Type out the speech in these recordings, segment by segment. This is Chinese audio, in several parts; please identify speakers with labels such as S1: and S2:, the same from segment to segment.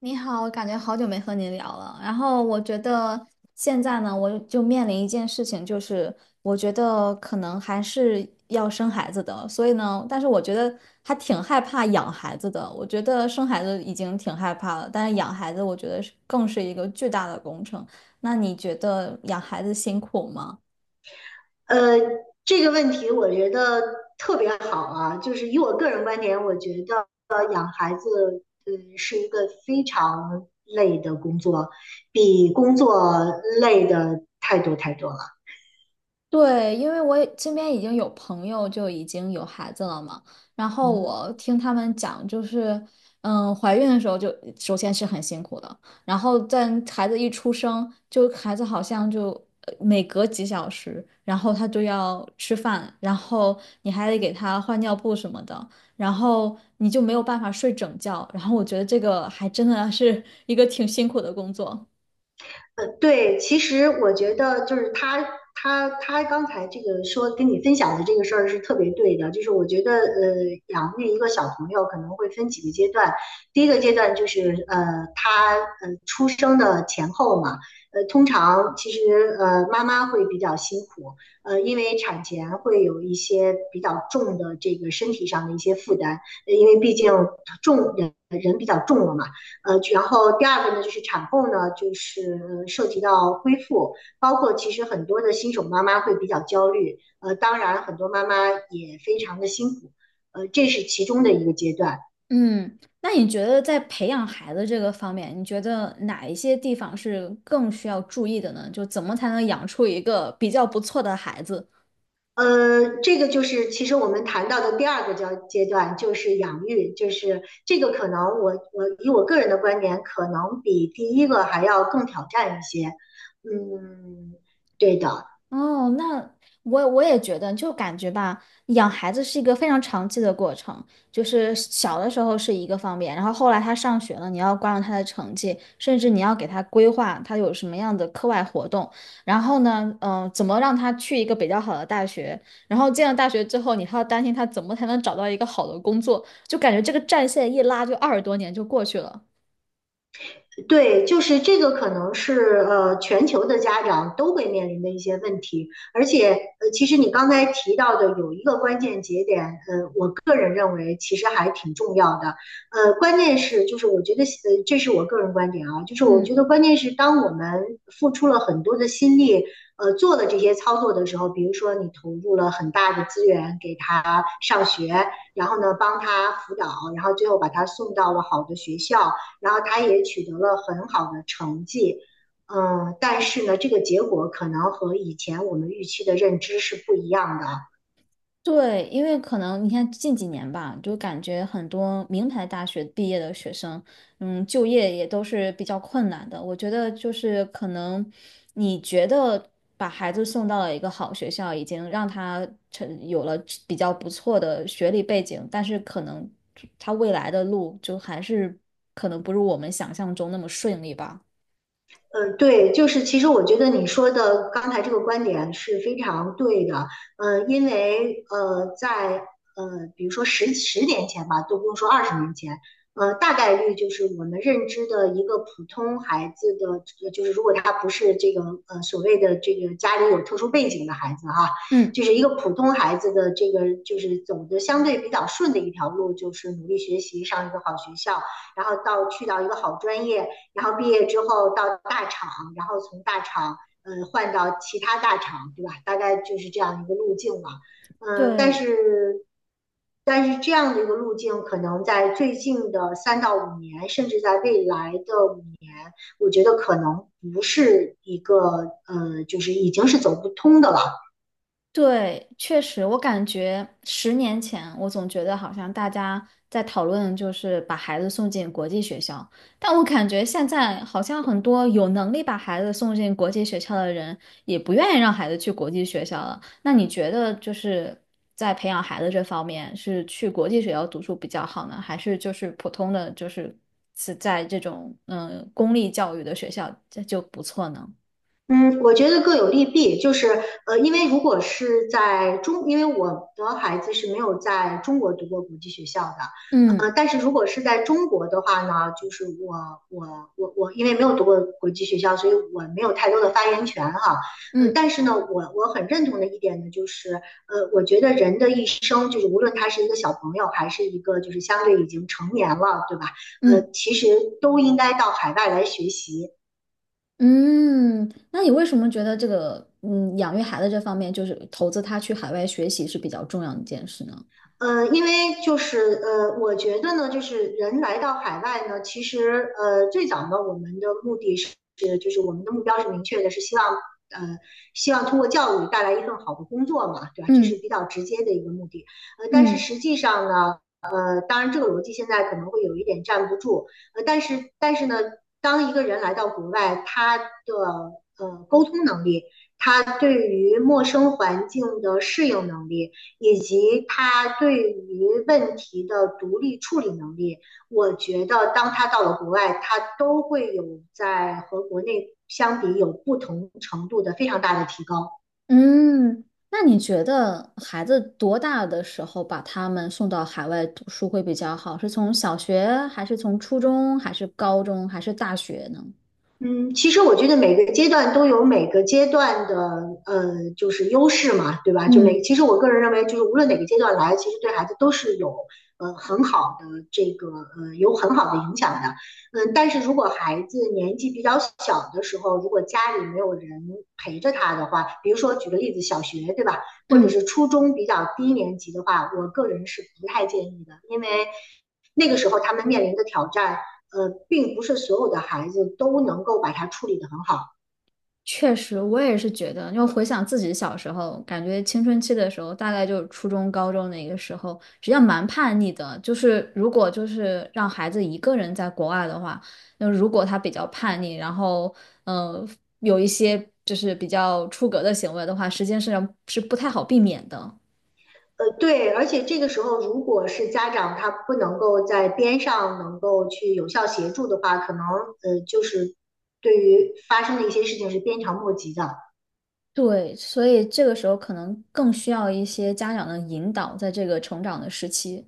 S1: 你好，我感觉好久没和你聊了。然后我觉得现在呢，我就面临一件事情，就是我觉得可能还是要生孩子的。所以呢，但是我觉得还挺害怕养孩子的。我觉得生孩子已经挺害怕了，但是养孩子我觉得是更是一个巨大的工程。那你觉得养孩子辛苦吗？
S2: 呃，这个问题我觉得特别好啊，就是以我个人观点，我觉得养孩子，是一个非常累的工作，比工作累的太多太多了。
S1: 对，因为我也身边已经有朋友就已经有孩子了嘛，然后
S2: 嗯。
S1: 我听他们讲，就是，嗯，怀孕的时候就首先是很辛苦的，然后在孩子一出生，就孩子好像就每隔几小时，然后他就要吃饭，然后你还得给他换尿布什么的，然后你就没有办法睡整觉，然后我觉得这个还真的是一个挺辛苦的工作。
S2: 对，其实我觉得就是他他他刚才这个说跟你分享的这个事儿是特别对的，就是我觉得养育一个小朋友可能会分几个阶段，第一个阶段就是他出生的前后嘛，通常其实妈妈会比较辛苦，因为产前会有一些比较重的这个身体上的一些负担，因为毕竟重人比较重了嘛。然后第二个呢，就是产后呢，就是涉及到恢复，包括其实很多的新手妈妈会比较焦虑，当然很多妈妈也非常的辛苦，这是其中的一个阶段。
S1: 嗯，那你觉得在培养孩子这个方面，你觉得哪一些地方是更需要注意的呢？就怎么才能养出一个比较不错的孩子？
S2: 这个就是其实我们谈到的第二个段，就是养育，就是这个可能我以我个人的观点，可能比第一个还要更挑战一些。嗯，对的。
S1: 哦，那我也觉得，就感觉吧，养孩子是一个非常长期的过程，就是小的时候是一个方面，然后后来他上学了，你要关注他的成绩，甚至你要给他规划他有什么样的课外活动，然后呢，嗯、怎么让他去一个比较好的大学，然后进了大学之后，你还要担心他怎么才能找到一个好的工作，就感觉这个战线一拉就二十多年就过去了。
S2: 对，就是这个可能是全球的家长都会面临的一些问题，而且其实你刚才提到的有一个关键节点，我个人认为其实还挺重要的，关键是就是我觉得这是我个人观点啊，就是我觉
S1: 嗯。
S2: 得关键是当我们付出了很多的心力。做了这些操作的时候，比如说你投入了很大的资源给他上学，然后呢帮他辅导，然后最后把他送到了好的学校，然后他也取得了很好的成绩，嗯，但是呢，这个结果可能和以前我们预期的认知是不一样的。
S1: 对，因为可能你看近几年吧，就感觉很多名牌大学毕业的学生，嗯，就业也都是比较困难的。我觉得就是可能你觉得把孩子送到了一个好学校，已经让他成有了比较不错的学历背景，但是可能他未来的路就还是可能不如我们想象中那么顺利吧。
S2: 对，就是其实我觉得你说的刚才这个观点是非常对的，呃，因为呃，在呃，比如说十年前吧，都不用说二十年前，大概率就是我们认知的一个普通孩子的，就是如果他不是这个所谓的这个家里有特殊背景的孩子哈，啊
S1: 嗯，
S2: 就是一个普通孩子的这个就是走的相对比较顺的一条路，就是努力学习，上一个好学校，然后到去到一个好专业。然后毕业之后到大厂，然后从大厂换到其他大厂，对吧？大概就是这样一个路径嘛。嗯、呃，但
S1: 对，
S2: 是但是这样的一个路径，可能在最近的三到五年，甚至在未来的五年，我觉得可能不是一个就是已经是走不通的了。
S1: 对，确实，我感觉十年前，我总觉得好像大家在讨论就是把孩子送进国际学校，但我感觉现在好像很多有能力把孩子送进国际学校的人，也不愿意让孩子去国际学校了。那你觉得就是在培养孩子这方面，是去国际学校读书比较好呢，还是就是普通的就是是在这种嗯、公立教育的学校这就不错呢？
S2: 嗯，我觉得各有利弊，就是因为如果是在中，因为我的孩子是没有在中国读过国际学校的，
S1: 嗯
S2: 但是如果是在中国的话呢，就是我，因为没有读过国际学校，所以我没有太多的发言权哈，
S1: 嗯
S2: 但是呢，我很认同的一点呢，就是我觉得人的一生，就是无论他是一个小朋友，还是一个就是相对已经成年了，对吧？
S1: 嗯。
S2: 其实都应该到海外来学习。
S1: 嗯，那你为什么觉得这个嗯养育孩子这方面，就是投资他去海外学习是比较重要的一件事呢？
S2: 因为就是我觉得呢，就是人来到海外呢，其实最早呢，我们的目的是，就是我们的目标是明确的，是希望呃，希望通过教育带来一份好的工作嘛，对吧？这是
S1: 嗯
S2: 比较直接的一个目的。但是
S1: 嗯
S2: 实际上呢，当然这个逻辑现在可能会有一点站不住，但是呢，当一个人来到国外，他的沟通能力，他对于陌生环境的适应能力，以及他对于问题的独立处理能力，我觉得当他到了国外，他都会有在和国内相比有不同程度的非常大的提高。
S1: 嗯，那你觉得孩子多大的时候把他们送到海外读书会比较好？是从小学，还是从初中，还是高中，还是大学呢？
S2: 嗯，其实我觉得每个阶段都有每个阶段的就是优势嘛，对吧？就每
S1: 嗯
S2: 其实我个人认为，就是无论哪个阶段来，其实对孩子都是有很好的这个有很好的影响的。嗯，但是如果孩子年纪比较小的时候，如果家里没有人陪着他的话，比如说举个例子，小学对吧，或者是
S1: 嗯。
S2: 初中比较低年级的话，我个人是不太建议的，因为那个时候他们面临的挑战。并不是所有的孩子都能够把它处理得很好。
S1: 确实，我也是觉得，因为回想自己小时候，感觉青春期的时候，大概就是初中、高中那个时候，实际上蛮叛逆的。就是如果就是让孩子一个人在国外的话，那如果他比较叛逆，然后嗯、有一些就是比较出格的行为的话，实际上是不太好避免的。
S2: 对，而且这个时候，如果是家长他不能够在边上能够去有效协助的话，可能就是对于发生的一些事情是鞭长莫及的。
S1: 对，所以这个时候可能更需要一些家长的引导，在这个成长的时期。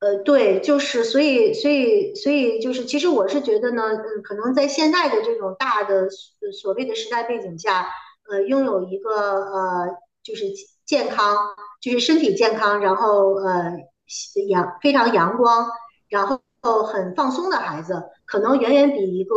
S2: 对，就是所以就是，其实我是觉得呢，嗯，可能在现在的这种大的所谓的时代背景下，拥有一个呃，就是健康，就是身体健康，然后非常阳光，然后很放松的孩子，可能远远比一个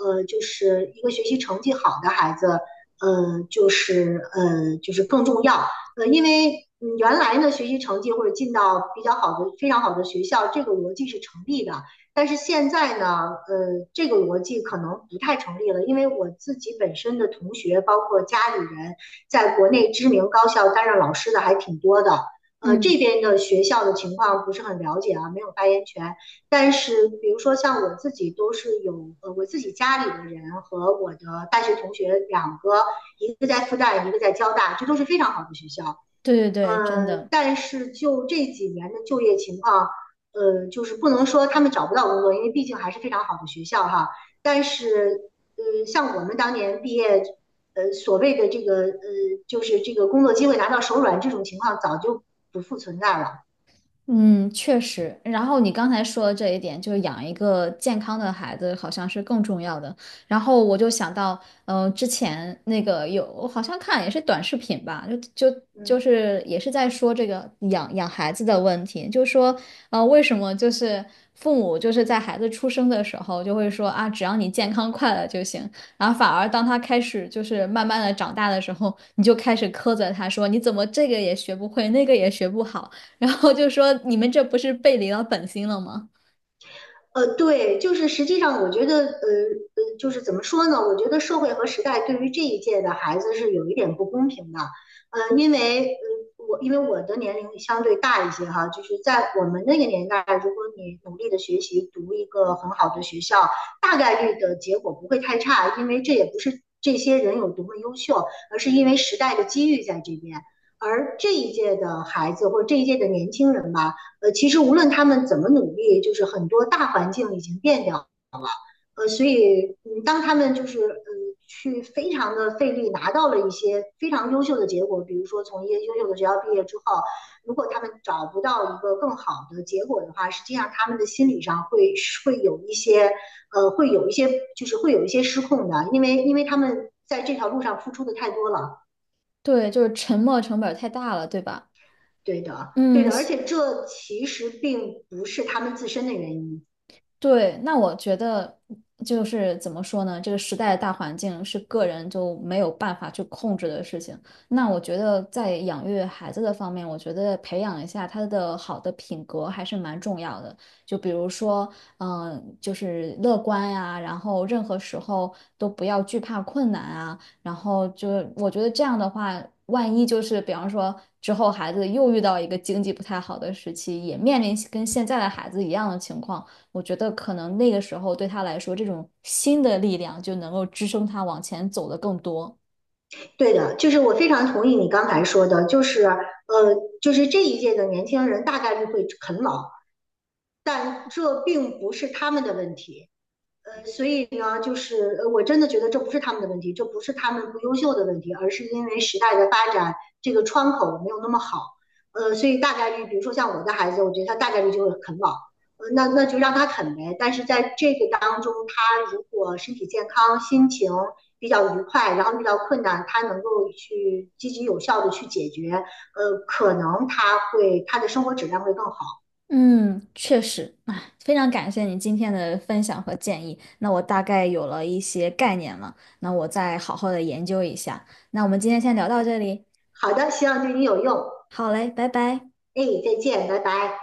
S2: 就是一个学习成绩好的孩子，就是更重要。因为嗯原来呢学习成绩或者进到比较好的、非常好的学校，这个逻辑是成立的。但是现在呢，这个逻辑可能不太成立了，因为我自己本身的同学，包括家里人，在国内知名高校担任老师的还挺多的。这
S1: 嗯，
S2: 边的学校的情况不是很了解啊，没有发言权。但是，比如说像我自己都是有，我自己家里的人和我的大学同学两个，一个在复旦，一个在交大，这都是非常好的学校。
S1: 对对对，真的。
S2: 但是就这几年的就业情况，就是不能说他们找不到工作，因为毕竟还是非常好的学校哈。但是，像我们当年毕业，所谓的这个，就是这个工作机会拿到手软这种情况，早就不复存在了。
S1: 嗯，确实。然后你刚才说的这一点，就是养一个健康的孩子好像是更重要的。然后我就想到，嗯、之前那个有，我好像看也是短视频吧，就
S2: 嗯。
S1: 是也是在说这个养孩子的问题，就说，为什么就是父母就是在孩子出生的时候就会说啊，只要你健康快乐就行，然后反而当他开始就是慢慢的长大的时候，你就开始苛责他说，你怎么这个也学不会，那个也学不好。然后就说你们这不是背离了本心了吗？
S2: 对，就是实际上，我觉得，就是怎么说呢？我觉得社会和时代对于这一届的孩子是有一点不公平的，因为，因为我的年龄相对大一些哈，就是在我们那个年代，如果你努力的学习，读一个很好的学校，大概率的结果不会太差，因为这也不是这些人有多么优秀，而是因为时代的机遇在这边。而这一届的孩子或这一届的年轻人吧，其实无论他们怎么努力，就是很多大环境已经变掉，所以嗯，当他们就是去非常的费力拿到了一些非常优秀的结果，比如说从一些优秀的学校毕业之后，如果他们找不到一个更好的结果的话，实际上他们的心理上会有一些呃会有一些就是会有一些失控的，因为他们在这条路上付出的太多了，
S1: 对，就是沉没成本太大了，对吧？
S2: 对的，对
S1: 嗯，
S2: 的，而且这其实并不是他们自身的原因。
S1: 对，那我觉得就是怎么说呢？这个时代的大环境是个人就没有办法去控制的事情。那我觉得在养育孩子的方面，我觉得培养一下他的好的品格还是蛮重要的。就比如说，嗯、就是乐观呀、然后任何时候都不要惧怕困难啊。然后就我觉得这样的话，万一就是比方说之后孩子又遇到一个经济不太好的时期，也面临跟现在的孩子一样的情况。我觉得可能那个时候对他来说，这种新的力量就能够支撑他往前走的更多。
S2: 对的，就是我非常同意你刚才说的，就是就是这一届的年轻人大概率会啃老，但这并不是他们的问题，所以呢，就是我真的觉得这不是他们的问题，这不是他们不优秀的问题，而是因为时代的发展，这个窗口没有那么好。所以大概率，比如说像我的孩子，我觉得他大概率就会啃老，那就让他啃呗。但是在这个当中，他如果身体健康、心情比较愉快，然后遇到困难，他能够去积极有效的去解决，可能他的生活质量会更好。
S1: 嗯，确实，哎，非常感谢你今天的分享和建议。那我大概有了一些概念了，那我再好好的研究一下。那我们今天先聊到这里，
S2: 好的，希望对你有用。
S1: 好嘞，拜拜。
S2: 哎，再见，拜拜。